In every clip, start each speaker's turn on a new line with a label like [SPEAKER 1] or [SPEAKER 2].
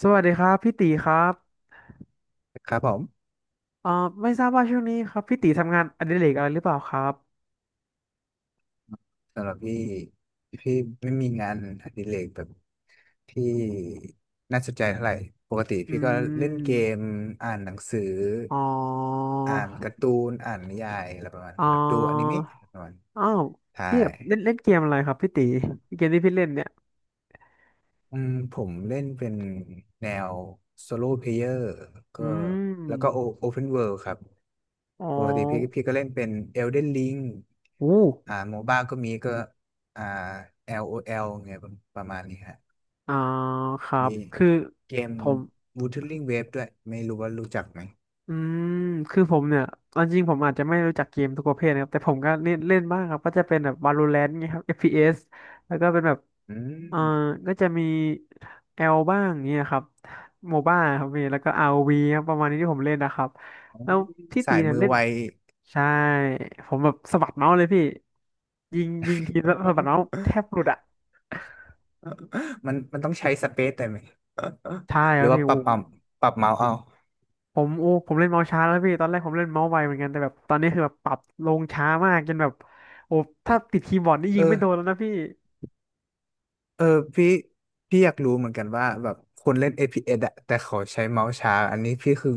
[SPEAKER 1] สวัสดีครับพี่ตีครับ
[SPEAKER 2] ครับผม
[SPEAKER 1] เอ่อไม่ทราบว่าช่วงนี้ครับพี่ตีทำงานอดิเรกอะไรหรือเปล่าครับ
[SPEAKER 2] สำหรับพี่พี่ไม่มีงานอดิเรกแบบที่น่าสนใจเท่าไหร่ปกติ
[SPEAKER 1] อื
[SPEAKER 2] พี่ก็เล่นเก
[SPEAKER 1] ม
[SPEAKER 2] มอ่านหนังสือ
[SPEAKER 1] อ๋อ
[SPEAKER 2] อ่านการ์ตูนอ่านนิยายอะไรประมาณ
[SPEAKER 1] อ๋
[SPEAKER 2] นี้
[SPEAKER 1] อ
[SPEAKER 2] ครับดูอนิเมะอะไรประมาณนี้
[SPEAKER 1] อ้าว
[SPEAKER 2] ใช่
[SPEAKER 1] พี่แบบเล่นเล่นเกมอะไรครับพี่ตีเกมที่พี่เล่นเนี่ย
[SPEAKER 2] อืมผมเล่นเป็นแนวโซโล่เพลเยอร์
[SPEAKER 1] อื
[SPEAKER 2] ก็แล้วก็
[SPEAKER 1] ม
[SPEAKER 2] โอเพนเวิลด์ครับ
[SPEAKER 1] อ๋อ
[SPEAKER 2] ปกติพี่ก็เล่นเป็นเอลเดนลิง
[SPEAKER 1] อู้
[SPEAKER 2] โมบ้าก็มีก็อ่า LOL เงี้ยประมาณนี้ฮะ
[SPEAKER 1] อ่าครั
[SPEAKER 2] มี
[SPEAKER 1] บคือ
[SPEAKER 2] เกม
[SPEAKER 1] ผม
[SPEAKER 2] Wuthering Waves ด้วยไม่รู้ว่ารู้จักไหม
[SPEAKER 1] อืม คือผมเนี่ยเอาจริงผมอาจจะไม่รู้จักเกมทุกประเภทนะครับ แต่ผมก็เล่นเล่นบ้างครับก็จะเป็นแบบ Valorant เงี้ยครับ FPS แล้วก็เป็นแบบ
[SPEAKER 2] อื
[SPEAKER 1] เอ่อ
[SPEAKER 2] ม
[SPEAKER 1] ก็จะมี L บ้างเงี้ยครับ Mobile ครับมีแล้วก็ ROV ครับประมาณนี้ที่ผมเล่นนะครับ
[SPEAKER 2] อ๋อ
[SPEAKER 1] แล้วพี่ตี
[SPEAKER 2] สาย
[SPEAKER 1] เนี่ย
[SPEAKER 2] มือ
[SPEAKER 1] เล่น
[SPEAKER 2] ไว
[SPEAKER 1] ใช่ ผมแบบสะบัดเมาส์เลยพี่ยิงทีแล้วสะบัดเมาส์แทบหลุดอ่ะ
[SPEAKER 2] มันต้องใช้สเปซได้ไหม
[SPEAKER 1] ใช่ค
[SPEAKER 2] หรื
[SPEAKER 1] รับ
[SPEAKER 2] อ
[SPEAKER 1] พี่
[SPEAKER 2] ว่าป
[SPEAKER 1] โอ้
[SPEAKER 2] รับ
[SPEAKER 1] โห
[SPEAKER 2] เอาปรับเมาส์เอา
[SPEAKER 1] ผมเล่นเมาส์ช้าแล้วพี่ตอนแรกผมเล่นเมาส์ไวเหมือนกันแต่แบบตอนนี้คือแบบปรับลงช้ามากจนแบบโอ้ถ้าติดคีย์บอร์ดนี่ยิ
[SPEAKER 2] เอ
[SPEAKER 1] งไม่โดน
[SPEAKER 2] อ
[SPEAKER 1] แล้วนะพี่
[SPEAKER 2] เออพี่อยากรู้เหมือนกันว่าแบบคนเล่น FPS อฟพีเอสอะแต่เขาใช้เมาส์ช้าอันนี้พี่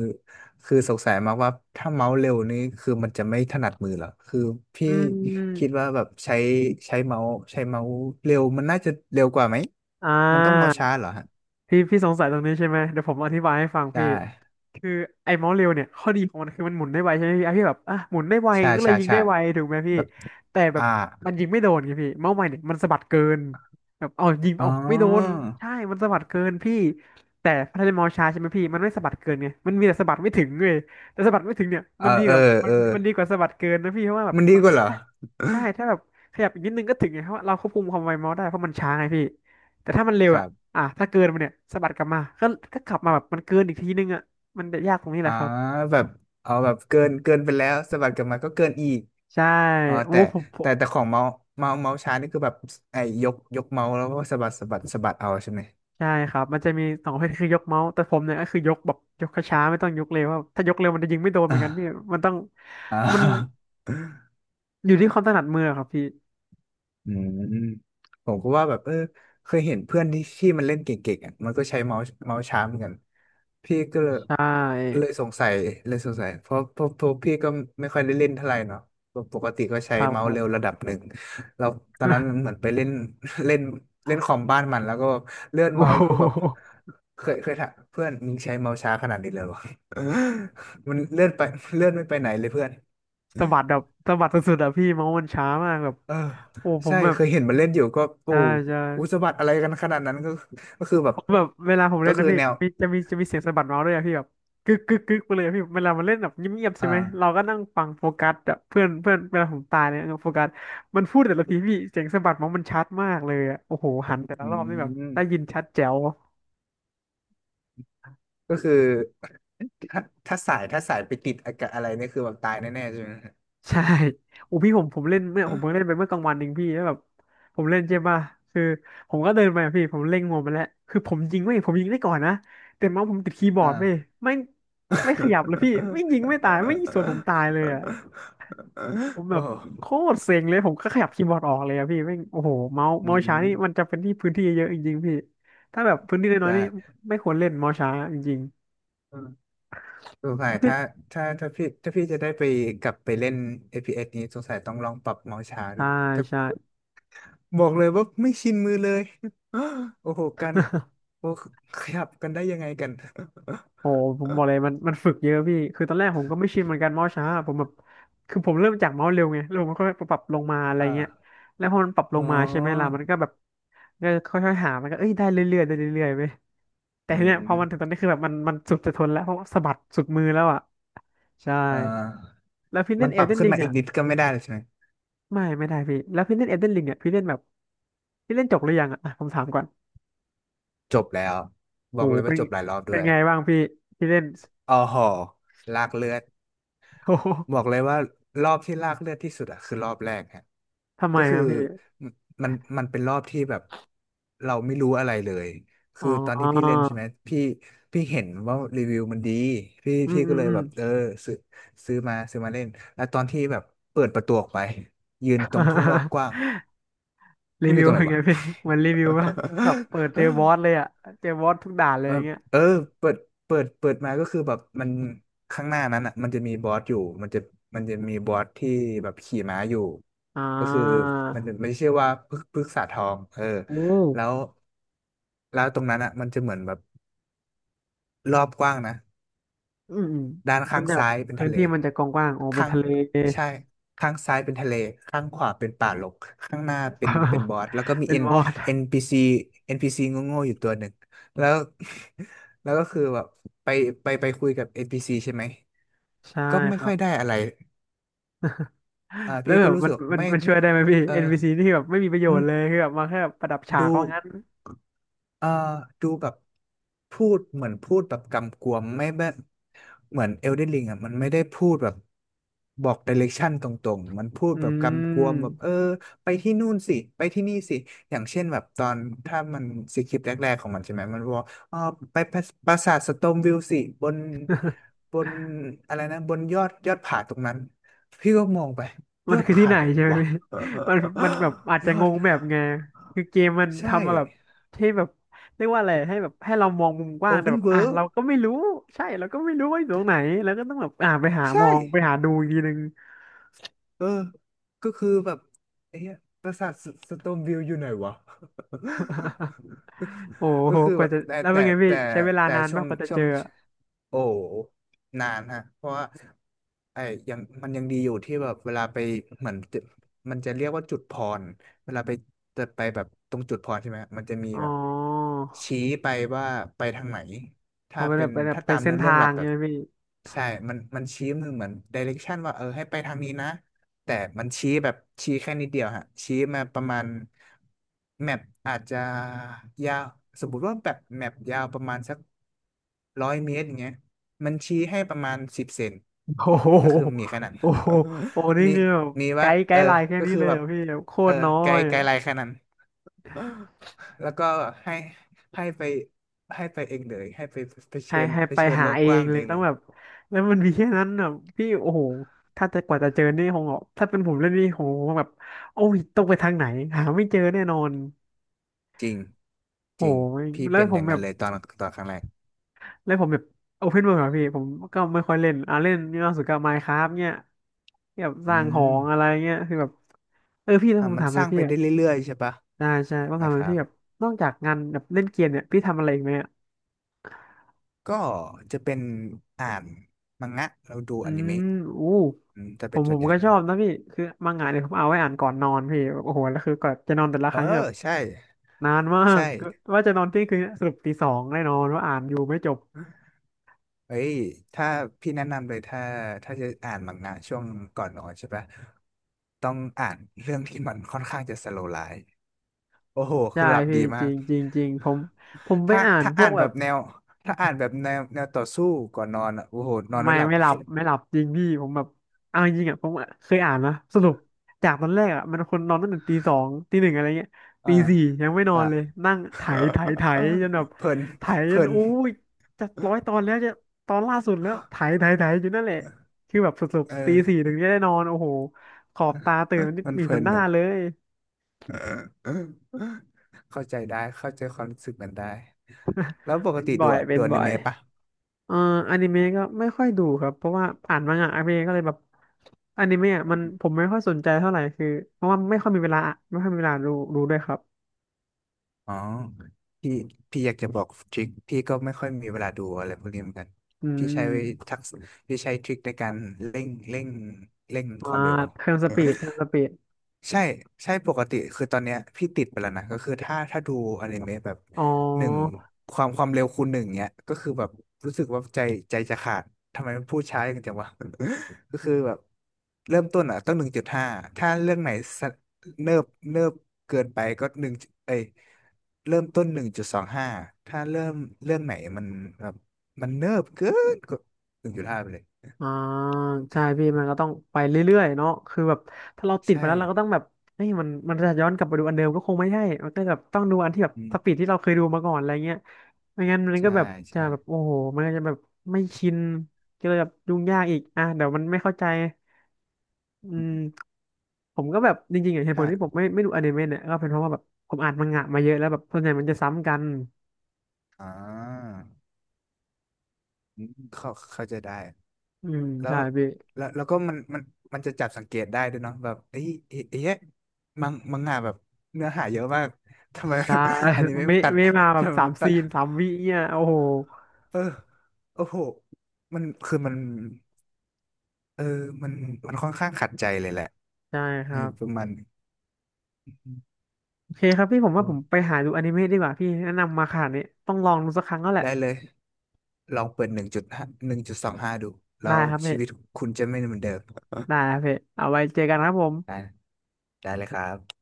[SPEAKER 2] คือสงสัยมากว่าถ้าเมาส์เร็วนี่คือมันจะไม่ถนัดมือเหรอคือพี่
[SPEAKER 1] อื
[SPEAKER 2] คิด
[SPEAKER 1] ม
[SPEAKER 2] ว่าแบบใช้ใช้เมาส์เร็วมันน่าจะเร็วกว่าไหม
[SPEAKER 1] อ่า
[SPEAKER 2] มันต้องเมาส์ช้าเหรอฮะ
[SPEAKER 1] พี่สงสัยตรงนี้ใช่ไหมเดี๋ยวผมอธิบายให้ฟัง
[SPEAKER 2] ใช่
[SPEAKER 1] พี่คือไอ้เมาส์เร็วเนี่ยข้อดีของมันคือมันหมุนได้ไวใช่ไหมพี่ไอ้พี่แบบอ่ะหมุนได้ไว
[SPEAKER 2] ใช่
[SPEAKER 1] ก็เล
[SPEAKER 2] ใช่
[SPEAKER 1] ยยิง
[SPEAKER 2] ใช่
[SPEAKER 1] ได้ไวถูกไหมพี่
[SPEAKER 2] แบบ
[SPEAKER 1] แต่แบ
[SPEAKER 2] อ่า
[SPEAKER 1] บมันยิงไม่โดนไงพี่เมาส์ใหม่เนี่ยมันสะบัดเกินแบบเอายิง
[SPEAKER 2] อ๋อ
[SPEAKER 1] เอาไม่โดนใช่มันสะบัดเกินพี่แต่พัฒนาเมาส์ช้าใช่ไหมพี่มันไม่สะบัดเกินไงมันมีแต่สะบัดไม่ถึงเลยแต่สะบัดไม่ถึงเนี่ย
[SPEAKER 2] เออ
[SPEAKER 1] มันดี
[SPEAKER 2] เอ
[SPEAKER 1] ก
[SPEAKER 2] อ
[SPEAKER 1] ว่ามั
[SPEAKER 2] เอ
[SPEAKER 1] น
[SPEAKER 2] อ
[SPEAKER 1] มันดีกว่าสะบัดเกินนะพี่เพราะว่าแบบ
[SPEAKER 2] มันดี
[SPEAKER 1] มัน
[SPEAKER 2] ก
[SPEAKER 1] แค
[SPEAKER 2] ว่าเหรอ
[SPEAKER 1] ่ใช่ถ้าแบบขยับอีกนิดนึงก็ถึงไงเพราะว่าเราควบคุมความไวเมาส์ได้เพราะมันช้าไงพี่แต่ถ้ามันเร็ว
[SPEAKER 2] ค
[SPEAKER 1] อะ
[SPEAKER 2] รับ
[SPEAKER 1] อ่ะถ้าเกินมันเนี่ยสะบัดกลับมาก็ก็กลับมาแบบมันเกินอีกทีนึงอ่ะมันจะยากตรงนี้แห
[SPEAKER 2] อ่า
[SPEAKER 1] ละครับ
[SPEAKER 2] แบบเอาแบบเกินไปแล้วสะบัดกลับมาก็เกินอีก
[SPEAKER 1] ใช่
[SPEAKER 2] อ๋อ
[SPEAKER 1] โอ้ผมผม
[SPEAKER 2] แต่ของเมาส์เมาส์ช้านี่คือแบบไอ้ยกเมาส์แล้วก็สะบัดเอาใช่ไหม
[SPEAKER 1] ใช่ครับมันจะมีสองประเภทคือยกเมาส์แต่ผมเนี่ยก็คือยกแบบยกช้าๆไม่ต้องยกเร็วว่าะถ้ายกเร็วมันจะยิงไม่โดนเหมือนกันพี่
[SPEAKER 2] อ่า
[SPEAKER 1] มันต้อง
[SPEAKER 2] อ่า
[SPEAKER 1] มัน อยู่ที่ความถนัดมือครับพี่
[SPEAKER 2] อืมผมก็ว่าแบบเออเคยเห็นเพื่อนที่มันเล่นเก่งๆอ่ะมันก็ใช้เมาส์ช้าเหมือนกันพี่ก็
[SPEAKER 1] ใช่
[SPEAKER 2] เลยสงสัยเพราะพี่ก็ไม่ค่อยได้เล่นเท่าไหร่เนาะปกติก็ใช้
[SPEAKER 1] ครับ
[SPEAKER 2] เมา
[SPEAKER 1] ค
[SPEAKER 2] ส์
[SPEAKER 1] รั
[SPEAKER 2] เร็ว
[SPEAKER 1] บ
[SPEAKER 2] ระดับหนึ่งแล้วตอนนั้นเหมือ นไปเล่น เล่นเล่นคอมบ้านมันแล้วก็เลื่อน
[SPEAKER 1] โอ้
[SPEAKER 2] เมาส์คือแบบ
[SPEAKER 1] โห
[SPEAKER 2] เคยถามเพื่อนมึงใช้เมาส์ช้าขนาดนี้เลยวะ มันเลื่อนไปเลื่อนไม่ไปไหนเลยเพื่อน
[SPEAKER 1] สะบัดแบบสะบัดสุดๆอะพี่เมาส์มันช้ามากแบบ
[SPEAKER 2] เออ
[SPEAKER 1] โอ้ผม
[SPEAKER 2] ใช่
[SPEAKER 1] แบบ
[SPEAKER 2] เคยเห็นมันเล่นอยู่ก็โอ้
[SPEAKER 1] ใช่ใช่
[SPEAKER 2] อุยสะบัดอะไรกันขนาดนั้นก็ก็คือแบบ
[SPEAKER 1] ผมแบบเวลาผม
[SPEAKER 2] ก็
[SPEAKER 1] เล่น
[SPEAKER 2] คื
[SPEAKER 1] นะ
[SPEAKER 2] อ
[SPEAKER 1] พี่
[SPEAKER 2] แนว
[SPEAKER 1] มีจะมีจะมีเสียงสะบัดเมาส์ด้วยอะพี่แบบกึกกึกกึกไปเลยอะพี่เวลามันเล่นแบบเงียบๆ
[SPEAKER 2] อ
[SPEAKER 1] ใช่ไหม เรา
[SPEAKER 2] ่า
[SPEAKER 1] ก็นั่งฟังโฟกัสแบเพื่อนเพื่อนเวลาผมตายเนี่ยโฟกัสมันพูดแต่ละทีพี่เสียงสะบัดเมาส์มันชัดมากเลยอะโอ้โหหันแต่ละ
[SPEAKER 2] อื
[SPEAKER 1] รอบนี่แบบ
[SPEAKER 2] ม
[SPEAKER 1] ได้ยินชัดแจ๋ว
[SPEAKER 2] ก็คือถ้าถ้าสายไปติดอากาศอะไรนี่คือแบบตายแน่ๆใช่ไหมฮะ
[SPEAKER 1] ใช่โอ้พี่ผมเล่นเมื่อผมเพิ่งเล่นไปเมื่อกลางวันเองพี่แล้วแบบผมเล่นใช่ป่ะคือผมก็เดินไปอะพี่ผมเล็งงวมันแล้วคือผมยิงได้ก่อนนะแต่เมาส์ผมติดคีย์บอ
[SPEAKER 2] อ่า
[SPEAKER 1] ร์ดเว้ยไม่ไม่ขยับเลยพี่ไม่ยิงไม่ตายไม่ยิงสวน ผมตายเลยอะ ผมแบ
[SPEAKER 2] โอ้
[SPEAKER 1] บ
[SPEAKER 2] โห
[SPEAKER 1] โคตรเซ็งเลยผมก็ขยับคีย์บอร์ดออกเลยอะพี่แม่งโอ้โหเมาส์
[SPEAKER 2] อื
[SPEAKER 1] เมาส์ช้านี่มัน
[SPEAKER 2] ม
[SPEAKER 1] จะเป็นที่พื้นที่เยอะจริงๆพี่ถ้าแบบพื้นที่น้อยๆนี่
[SPEAKER 2] ได้
[SPEAKER 1] ไม่ควรเล่นเมาส์ช้าจริง
[SPEAKER 2] เออสงสั
[SPEAKER 1] ๆ
[SPEAKER 2] ย
[SPEAKER 1] ก็คือ
[SPEAKER 2] ถ้าถ้าพี่จะได้ไปกลับไปเล่น APS นี้สงสัยต้องลองปรับเมาส์ช้า
[SPEAKER 1] ใช่
[SPEAKER 2] ดู
[SPEAKER 1] ใช่
[SPEAKER 2] บอกเลยว่าไม่ชินมือเลย โอ้โหกัน โอ้ขยับกันได้ยังไงกัน
[SPEAKER 1] โอ้ผมบอกเลยมันมันฝึกเยอะพี่คือตอนแรกผมก็ไม่ชินเหมือนกันเมาส์ช้าผมแบบคือผมเริ่มจากเมาส์เร็วไงแล้วผมก็ค่อยปรับลงมาอะไร
[SPEAKER 2] อ่
[SPEAKER 1] เงี้ย
[SPEAKER 2] า
[SPEAKER 1] แล้วพอมันปรับล
[SPEAKER 2] อ๋
[SPEAKER 1] ง
[SPEAKER 2] อ
[SPEAKER 1] มาใช่ไหมล่ะมันก็แบบก็ค่อยๆหามันก็เอ้ยได้เรื่อยๆได้เรื่อยๆไปแต่
[SPEAKER 2] อื
[SPEAKER 1] เนี่ยพอมันถึงตอ
[SPEAKER 2] ม
[SPEAKER 1] นนี้คือแบบมันสุดจะทนแล้วเพราะว่าสะบัดสุดมือแล้วอะใช่
[SPEAKER 2] อ่า
[SPEAKER 1] แล้วพี่เล่
[SPEAKER 2] มัน
[SPEAKER 1] นเอ
[SPEAKER 2] ปรั
[SPEAKER 1] ล
[SPEAKER 2] บ
[SPEAKER 1] เดน
[SPEAKER 2] ขึ้น
[SPEAKER 1] ริง
[SPEAKER 2] มา
[SPEAKER 1] เนี่
[SPEAKER 2] อี
[SPEAKER 1] ย
[SPEAKER 2] กนิดก็ไม่ได้เลยใช่ไหม
[SPEAKER 1] ไม่ได้พี่แล้วพี่เล่นเอ d เดน i ิงเนี่ยพี่เล่นแบบพี่เล่นจบหรือยังอะอ่ะผมถามก่อน
[SPEAKER 2] จบแล้ว บอ
[SPEAKER 1] โอ้
[SPEAKER 2] ก
[SPEAKER 1] โห
[SPEAKER 2] เลย
[SPEAKER 1] เป็
[SPEAKER 2] ว่า
[SPEAKER 1] น
[SPEAKER 2] จบหลายรอบด้
[SPEAKER 1] เป็น
[SPEAKER 2] วย
[SPEAKER 1] ไงบ้างพี่พี่เล่น
[SPEAKER 2] อ๋อหอลากเลือด
[SPEAKER 1] โอ้โห
[SPEAKER 2] บอกเลยว่ารอบที่ลากเลือดที่สุดอะคือรอบแรกฮะ
[SPEAKER 1] ทำไม
[SPEAKER 2] ก็คือ
[SPEAKER 1] อะพี่
[SPEAKER 2] มันมันเป็นรอบที่แบบเราไม่รู้อะไรเลย
[SPEAKER 1] อ๋
[SPEAKER 2] คือตอนที่พี่
[SPEAKER 1] อ
[SPEAKER 2] เล่นใช่ไหมพี่พี่เห็นว่ารีวิวมันดี
[SPEAKER 1] อืม
[SPEAKER 2] พี่
[SPEAKER 1] อื
[SPEAKER 2] ก็
[SPEAKER 1] ม
[SPEAKER 2] เลย
[SPEAKER 1] อืม
[SPEAKER 2] แบบเออซื้อซื้อมาเล่นแล้วตอนที่แบบเปิดประตูออกไปยืนตรงทุ่งรอบกว้าง
[SPEAKER 1] รี
[SPEAKER 2] กูอ
[SPEAKER 1] วิ
[SPEAKER 2] ยู่
[SPEAKER 1] ว
[SPEAKER 2] ตรงไหน
[SPEAKER 1] เป็นไง
[SPEAKER 2] วะ
[SPEAKER 1] พี่เหมือนรีวิวป่ะแบบเปิดเจอบอสเล ยอะเจอบอสทุกด่านเลย
[SPEAKER 2] เออ
[SPEAKER 1] อย่างเงี้ย
[SPEAKER 2] เออเปิดเปิดมาก็คือแบบมันข้างหน้านั้นอ่ะมันจะมีบอสอยู่ มันจะมีบอสที่แบบขี่ม้าอยู่
[SPEAKER 1] อ่
[SPEAKER 2] ก็คือ
[SPEAKER 1] า
[SPEAKER 2] มันจะไม่ใช่ว่าพึกษ์พึกษาทองเออ
[SPEAKER 1] โอ้
[SPEAKER 2] แล้วแล้วตรงนั้นอ่ะมันจะเหมือนแบบรอบกว้างนะ
[SPEAKER 1] อืมอืม
[SPEAKER 2] ด้าน
[SPEAKER 1] มั
[SPEAKER 2] ข้า
[SPEAKER 1] น
[SPEAKER 2] ง
[SPEAKER 1] แบบ
[SPEAKER 2] ซ้ายเป็น
[SPEAKER 1] พื้
[SPEAKER 2] ทะ
[SPEAKER 1] น
[SPEAKER 2] เล
[SPEAKER 1] ที่มันจะกว้างๆโอ้เป็น
[SPEAKER 2] ข้าง
[SPEAKER 1] ทะเล
[SPEAKER 2] ใช่ ข้างซ้ายเป็นทะเล ข้างขวาเป็นป่ารกข้างหน้าเป็นบอสแล้วก็มี
[SPEAKER 1] เป็น
[SPEAKER 2] เอ็น
[SPEAKER 1] บอส
[SPEAKER 2] เอ็นพีซีเอ็นพีซีโง่ๆอยู่ตัวหนึ่ง แล้ว แล้วก็คือแบบไปไปคุยกับเอ็นพีซีใช่ไหม
[SPEAKER 1] ใช่
[SPEAKER 2] ก็ไม่
[SPEAKER 1] ครั
[SPEAKER 2] ค่อ
[SPEAKER 1] บ
[SPEAKER 2] ยได้อะไร
[SPEAKER 1] แล้ว
[SPEAKER 2] พี่
[SPEAKER 1] แบ
[SPEAKER 2] ก็
[SPEAKER 1] บ
[SPEAKER 2] รู้
[SPEAKER 1] มั
[SPEAKER 2] สึ
[SPEAKER 1] น
[SPEAKER 2] ก
[SPEAKER 1] มัน
[SPEAKER 2] ไม่
[SPEAKER 1] มันช่วยได้ไหมพี่
[SPEAKER 2] เออ
[SPEAKER 1] NPC นพีซีนี่แบบไม่มีประโย
[SPEAKER 2] อื
[SPEAKER 1] ช
[SPEAKER 2] ม
[SPEAKER 1] น์เลยคือแบบมาแค่แบบประดับฉาก
[SPEAKER 2] ดู
[SPEAKER 1] เขางั้น
[SPEAKER 2] เอ่อดูแบบพูดเหมือนพูดแบบกำกวมไม่แบบเหมือนเอลเดนริงอ่ะมันไม่ได้พูดแบบบอกดิเรกชันตรงๆมันพูด
[SPEAKER 1] อื
[SPEAKER 2] แบบกำกวมแบบเออ
[SPEAKER 1] ม
[SPEAKER 2] ไปที่นู่นสิไปที่นี่สิอย่างเช่นแบบตอนถ้ามันสคริปต์แรกๆของมันใช่ไหมมันบอกเออไปปราสาทสโตมวิวสิบน บนอะไรนะบนยอดผาตรงนั้นพี่ก็มองไปย
[SPEAKER 1] มัน
[SPEAKER 2] อด
[SPEAKER 1] คือที่
[SPEAKER 2] ผา
[SPEAKER 1] ไหน
[SPEAKER 2] เลย
[SPEAKER 1] ใช่ไหม
[SPEAKER 2] วะ
[SPEAKER 1] พี่ มันมันแบบอาจ จะ
[SPEAKER 2] ยอ
[SPEAKER 1] ง
[SPEAKER 2] ด
[SPEAKER 1] งแบบไงคือเกมมัน
[SPEAKER 2] ใช่
[SPEAKER 1] ทำมาแบบให้แบบเรียกว่าอะไรให้แบบให้เรามองมุมกว้างแต่แบ
[SPEAKER 2] Open
[SPEAKER 1] บอ่ะเรา
[SPEAKER 2] World
[SPEAKER 1] ก็ไม่รู้ใช่เราก็ไม่รู้ว่าอยู่ตรงไหนแล้วก็ต้องแบบอ่ะไปหา
[SPEAKER 2] ใช่
[SPEAKER 1] มองไปหาดูอีกทีนึง
[SPEAKER 2] เออก็คือแบบไอ้เหี้ยปราสาทสสโตนวิวอยู่ไหนวะ ก็
[SPEAKER 1] โอ้
[SPEAKER 2] ก็
[SPEAKER 1] โห
[SPEAKER 2] คือ
[SPEAKER 1] ก
[SPEAKER 2] แบ
[SPEAKER 1] ว่า
[SPEAKER 2] บ
[SPEAKER 1] จะแล้วเป็นไงพี่
[SPEAKER 2] แต่
[SPEAKER 1] ใช้เวลา
[SPEAKER 2] แต่
[SPEAKER 1] นานมากกว่าจะ
[SPEAKER 2] ช่
[SPEAKER 1] เจ
[SPEAKER 2] วง
[SPEAKER 1] อ
[SPEAKER 2] โอ้โหนานฮะเพราะว่าไอ้ยังมันยังดีอยู่ที่แบบเวลาไปเหมือนจะมันจะเรียกว่าจุดพรเวลาไปจะไปแบบตรงจุดพรใช่ไหมฮะมันจะมี
[SPEAKER 1] อ๋อ
[SPEAKER 2] แบบชี้ไปว่าไปทางไหนถ้า
[SPEAKER 1] เป็
[SPEAKER 2] ตา
[SPEAKER 1] น
[SPEAKER 2] ม
[SPEAKER 1] เส้
[SPEAKER 2] เนื้
[SPEAKER 1] น
[SPEAKER 2] อเรื่
[SPEAKER 1] ทา
[SPEAKER 2] องหลั
[SPEAKER 1] ง
[SPEAKER 2] ก
[SPEAKER 1] ใช่
[SPEAKER 2] อะ
[SPEAKER 1] ไหมพี่
[SPEAKER 2] ใช่มันชี้มือเหมือนดิเรกชันว่าเออให้ไปทางนี้นะแต่มันชี้แบบชี้แค่นิดเดียวฮะชี้มาประมาณแมปอาจจะยาวสมมุติว่าแบบแมปยาวประมาณสัก 100 เมตรอย่างเงี้ยมันชี้ให้ประมาณ10 เซน
[SPEAKER 1] โอ้โห
[SPEAKER 2] ก็คือมีขนาด
[SPEAKER 1] โอ้
[SPEAKER 2] นั้น
[SPEAKER 1] โหโอ้นี่
[SPEAKER 2] มี
[SPEAKER 1] คือแบบ
[SPEAKER 2] มี
[SPEAKER 1] ไก
[SPEAKER 2] ว่า
[SPEAKER 1] ด์ไก
[SPEAKER 2] เออ
[SPEAKER 1] ด์ไลน์แค่
[SPEAKER 2] ก็
[SPEAKER 1] นี้
[SPEAKER 2] คือ
[SPEAKER 1] เลย
[SPEAKER 2] แบ
[SPEAKER 1] เหร
[SPEAKER 2] บ
[SPEAKER 1] อพี่แบบโค
[SPEAKER 2] เออ
[SPEAKER 1] ตรน้อ
[SPEAKER 2] ไกล
[SPEAKER 1] ย
[SPEAKER 2] ไก
[SPEAKER 1] อะ
[SPEAKER 2] ลไลขนาดนั้น แล้วก็ให้ให้ไปให้ไปเองเลยให้ไปไป
[SPEAKER 1] ให้
[SPEAKER 2] เชิญไป
[SPEAKER 1] ไป
[SPEAKER 2] เชิญ
[SPEAKER 1] หา
[SPEAKER 2] โลก
[SPEAKER 1] เอ
[SPEAKER 2] ก
[SPEAKER 1] ง
[SPEAKER 2] ว้าง
[SPEAKER 1] เล
[SPEAKER 2] เอ
[SPEAKER 1] ย
[SPEAKER 2] ง
[SPEAKER 1] ต้อ
[SPEAKER 2] เล
[SPEAKER 1] ง
[SPEAKER 2] ย
[SPEAKER 1] แบบแล้วมันมีแค่นั้นแบบพี่โอ้โหถ้าจะกว่าจะเจอนี่คงแบบถ้าเป็นผมเล่นนี่โหแบบโอ้ยต้องไปทางไหนหาไม่เจอแน่นอน
[SPEAKER 2] จริงจ
[SPEAKER 1] โอ้
[SPEAKER 2] ริง
[SPEAKER 1] ย
[SPEAKER 2] พี่เป็นอย่างนั้นเลยตอนครั้งแรก
[SPEAKER 1] แล้วผมแบบโอเพนเวิลด์อะพี่ผมก็ไม่ค่อยเล่นอ่ะเล่นนี่ล่าสุดก็ Minecraft เนี่ยแบบสร้า
[SPEAKER 2] อื
[SPEAKER 1] งของอะไร
[SPEAKER 2] ม
[SPEAKER 1] เงี้ยคือแบบเออพี่แล้ว
[SPEAKER 2] อ่ะ
[SPEAKER 1] ผม
[SPEAKER 2] มัน
[SPEAKER 1] ถามห
[SPEAKER 2] ส
[SPEAKER 1] น่อ
[SPEAKER 2] ร้า
[SPEAKER 1] ย
[SPEAKER 2] งไป
[SPEAKER 1] พี่
[SPEAKER 2] ได้เรื่อยๆใช่ปะ
[SPEAKER 1] ใช่ต้อง
[SPEAKER 2] ไหม
[SPEAKER 1] ทำอะ
[SPEAKER 2] ค
[SPEAKER 1] ไร
[SPEAKER 2] รั
[SPEAKER 1] ที่
[SPEAKER 2] บ
[SPEAKER 1] แบบนอกจากงานแบบเล่นเกมเนี่ยพี่ทำอะไรอีกไหมอ่ะ
[SPEAKER 2] ก็จะเป็นอ่านมังงะเราดู
[SPEAKER 1] อื
[SPEAKER 2] อนิ
[SPEAKER 1] ม
[SPEAKER 2] เมะ
[SPEAKER 1] อู้
[SPEAKER 2] อืมจะ
[SPEAKER 1] ผ
[SPEAKER 2] เป็น
[SPEAKER 1] ม
[SPEAKER 2] ส่วนใหญ่
[SPEAKER 1] ก็ช
[SPEAKER 2] นั้
[SPEAKER 1] อ
[SPEAKER 2] น
[SPEAKER 1] บนะพี่คือมังงะเนี่ยผมเอาไว้อ่านก่อนนอนพี่โอ้โหแล้วคือก่อนจะนอนแต่ละ
[SPEAKER 2] เอ
[SPEAKER 1] ค
[SPEAKER 2] อ
[SPEAKER 1] รั้งเนี่ยแบบ
[SPEAKER 2] ใช่
[SPEAKER 1] นานมาก
[SPEAKER 2] ใช่
[SPEAKER 1] ก็ว่าจะนอนเที่ยงคืนสรุปตีสองได้นอนว่าะอ่านอยู่ไม่จบ
[SPEAKER 2] เอ้ย ถ้าพี่แนะนำเลยถ้าจะอ่านมังงะช่วงก่อนนอนใช่ปะ ต้องอ่านเรื่องที่มันค่อนข้างจะสโลว์ไลฟ์โอ้โห
[SPEAKER 1] ใช่
[SPEAKER 2] คือหลับ
[SPEAKER 1] พี่
[SPEAKER 2] ดี
[SPEAKER 1] จ
[SPEAKER 2] มา
[SPEAKER 1] ริ
[SPEAKER 2] ก
[SPEAKER 1] งจริงจริงผมไป
[SPEAKER 2] ถ้า
[SPEAKER 1] อ่าน
[SPEAKER 2] ถ้า
[SPEAKER 1] พว
[SPEAKER 2] อ่า
[SPEAKER 1] ก
[SPEAKER 2] น
[SPEAKER 1] แบ
[SPEAKER 2] แบ
[SPEAKER 1] บ
[SPEAKER 2] บแนวถ้าอ่านแบบแนวต่อสู้ก่อนนอนอ่ะโอ้โหนอน
[SPEAKER 1] ไม่
[SPEAKER 2] ไม่หลับ
[SPEAKER 1] ไม่หลับจริงพี่ผมแบบเอาจริงอ่ะผมเคยอ่านนะสรุปจากตอนแรกอ่ะมันคนนอนตั้งแต่ตีสองตีหนึ่งอะไรเงี้ย
[SPEAKER 2] อ่า
[SPEAKER 1] ตีสี่ยังไม่นอ
[SPEAKER 2] อ่ะ
[SPEAKER 1] นเลยนั่งไถไถไถจนแบบ
[SPEAKER 2] เพลิน
[SPEAKER 1] ไถ
[SPEAKER 2] เพ
[SPEAKER 1] จ
[SPEAKER 2] ลิ
[SPEAKER 1] น
[SPEAKER 2] น
[SPEAKER 1] อู้ยจะร้อยตอนแล้วจะตอนล่าสุดแล้วไถไถไถอยู่นั่นแหละคือแบบสรุป
[SPEAKER 2] เอ
[SPEAKER 1] ตี
[SPEAKER 2] อ
[SPEAKER 1] สี่ถึงจะได้นอนโอ้โหขอบตาตื่นมันนี่
[SPEAKER 2] มัน
[SPEAKER 1] มี
[SPEAKER 2] เพลิ
[SPEAKER 1] พัน
[SPEAKER 2] น
[SPEAKER 1] หน้า
[SPEAKER 2] น่ะ
[SPEAKER 1] เลย
[SPEAKER 2] เข้าใจได้ เข้าใจความรู้สึกมันได้แล้วปก
[SPEAKER 1] เป็น
[SPEAKER 2] ติ
[SPEAKER 1] บ่อยเป็
[SPEAKER 2] ดู
[SPEAKER 1] น
[SPEAKER 2] อ
[SPEAKER 1] บ่
[SPEAKER 2] นิ
[SPEAKER 1] อย
[SPEAKER 2] เมะปะ
[SPEAKER 1] เอ่ออนิเมะก็ไม่ค่อยดูครับเพราะว่าอ่านมังงะอนิเมะก็เลยแบบอนิเมะอมันผมไม่ค่อยสนใจเท่าไหร่คือเพราะว่าไม่ค่อยมีเวลาไม่ค่อยมีเวลาดูดูด้วยครับ
[SPEAKER 2] อ๋อพี่พี่อยากจะบอกทริคพี่ก็ไม่ค่อยมีเวลาดูอะไรพวกนี้เหมือนกัน
[SPEAKER 1] อื
[SPEAKER 2] พี่ใช้
[SPEAKER 1] ม
[SPEAKER 2] ทักษะพี่ใช้ทริคในการเร่งเร่งเร่ง
[SPEAKER 1] อ่า
[SPEAKER 2] ความเร็ว
[SPEAKER 1] เทร์นสปีดเทร์นสปีด
[SPEAKER 2] ใช่ใช่ปกติคือตอนเนี้ยพี่ติดไปแล้วนะก็คือถ้าดูอนิเมะแบบ
[SPEAKER 1] อ๋อ
[SPEAKER 2] หนึ่งความเร็วคูณหนึ่งเนี้ยก็คือแบบรู้สึกว่าใจจะขาดทำไมมันพูดช้าอย่างจังวะ ก็คือแบบเริ่มต้นอ่ะต้องหนึ่งจุดห้าถ้าเรื่องไหนสะเนิบเนิบเกินไปก็หนึ่งเอ้ยเริ่มต้นหนึ่งจุดสองห้าถ้าเริ่มเรื่องไหนมันแบบมันเนิบเกินก็หนึ่งจุดห้าไปเลย
[SPEAKER 1] อ่าใช่พี่มันก็ต้องไปเรื่อยๆเนาะคือแบบถ้าเราติดไป
[SPEAKER 2] ใช่
[SPEAKER 1] แล้วเราก็ต้องแบบเฮ้ยมันจะย้อนกลับไปดูอันเดิมก็คงไม่ใช่มันก็แบบต้องดูอันที่แบบ
[SPEAKER 2] อื
[SPEAKER 1] สปี
[SPEAKER 2] ม
[SPEAKER 1] ดที่เราเคยดูมาก่อนอะไรเงี้ยไม่งั้นมันก็
[SPEAKER 2] ใช่
[SPEAKER 1] แบบจะ
[SPEAKER 2] ใช่
[SPEAKER 1] แบบโอ้โหมันก็จะแบบไม่ชินก็เลยแบบยุ่งยากอีกอ่ะเดี๋ยวมันไม่เข้าใจอืมผมก็แบบจริงๆอ่ะเหตุผ
[SPEAKER 2] ถ้า
[SPEAKER 1] ลที่ผมไม่ดูอนิเมะเนี่ยก็เป็นเพราะว่าแบบผมอ่านมังงะมาเยอะแล้วแบบส่วนใหญ่มันจะซ้ำกัน
[SPEAKER 2] อ่า อืมเข้าใจได้
[SPEAKER 1] อืม
[SPEAKER 2] แล้
[SPEAKER 1] ใช่
[SPEAKER 2] ว
[SPEAKER 1] พี่
[SPEAKER 2] ก็มันจะจับสังเกตได้ด้วยเนาะแบบเอ้ยเอ๊ะเอ๊ะมังงะแบบเนื้อหาเยอะมาก ทำไม
[SPEAKER 1] ใช่
[SPEAKER 2] อันนี้ ไม่
[SPEAKER 1] ไม่
[SPEAKER 2] ตัด
[SPEAKER 1] มาแบ บ
[SPEAKER 2] ทำไม
[SPEAKER 1] สาม
[SPEAKER 2] มันตั
[SPEAKER 1] ซี
[SPEAKER 2] ด
[SPEAKER 1] นสามวิเนี่ยโอ้โห
[SPEAKER 2] เออโอ้โหมันคือมันเออมันมันค่อนข้างขัดใจเลยแหละ
[SPEAKER 1] ได้ค
[SPEAKER 2] ใน
[SPEAKER 1] รั
[SPEAKER 2] ประ
[SPEAKER 1] บ
[SPEAKER 2] มาณหนึ่งอม
[SPEAKER 1] โอเคครับพี่ผมว่า
[SPEAKER 2] โอ้
[SPEAKER 1] ผมไปหาดูอนิเมะดีกว่าพี่แนะนำมาขนาดนี้ต้องลองดูสักครั้งแล้วแหละ
[SPEAKER 2] ได้เลยลองเปิดหนึ่งจุดห้าหนึ่งจุดสองห้าดูแล้
[SPEAKER 1] ได้
[SPEAKER 2] ว
[SPEAKER 1] ครับพี่
[SPEAKER 2] ชีวิตคุณจะไม่เหมือนเดิม
[SPEAKER 1] ได้ครับพี่เอาไว้เจอกันครับผม
[SPEAKER 2] ได้ได้เลยครับ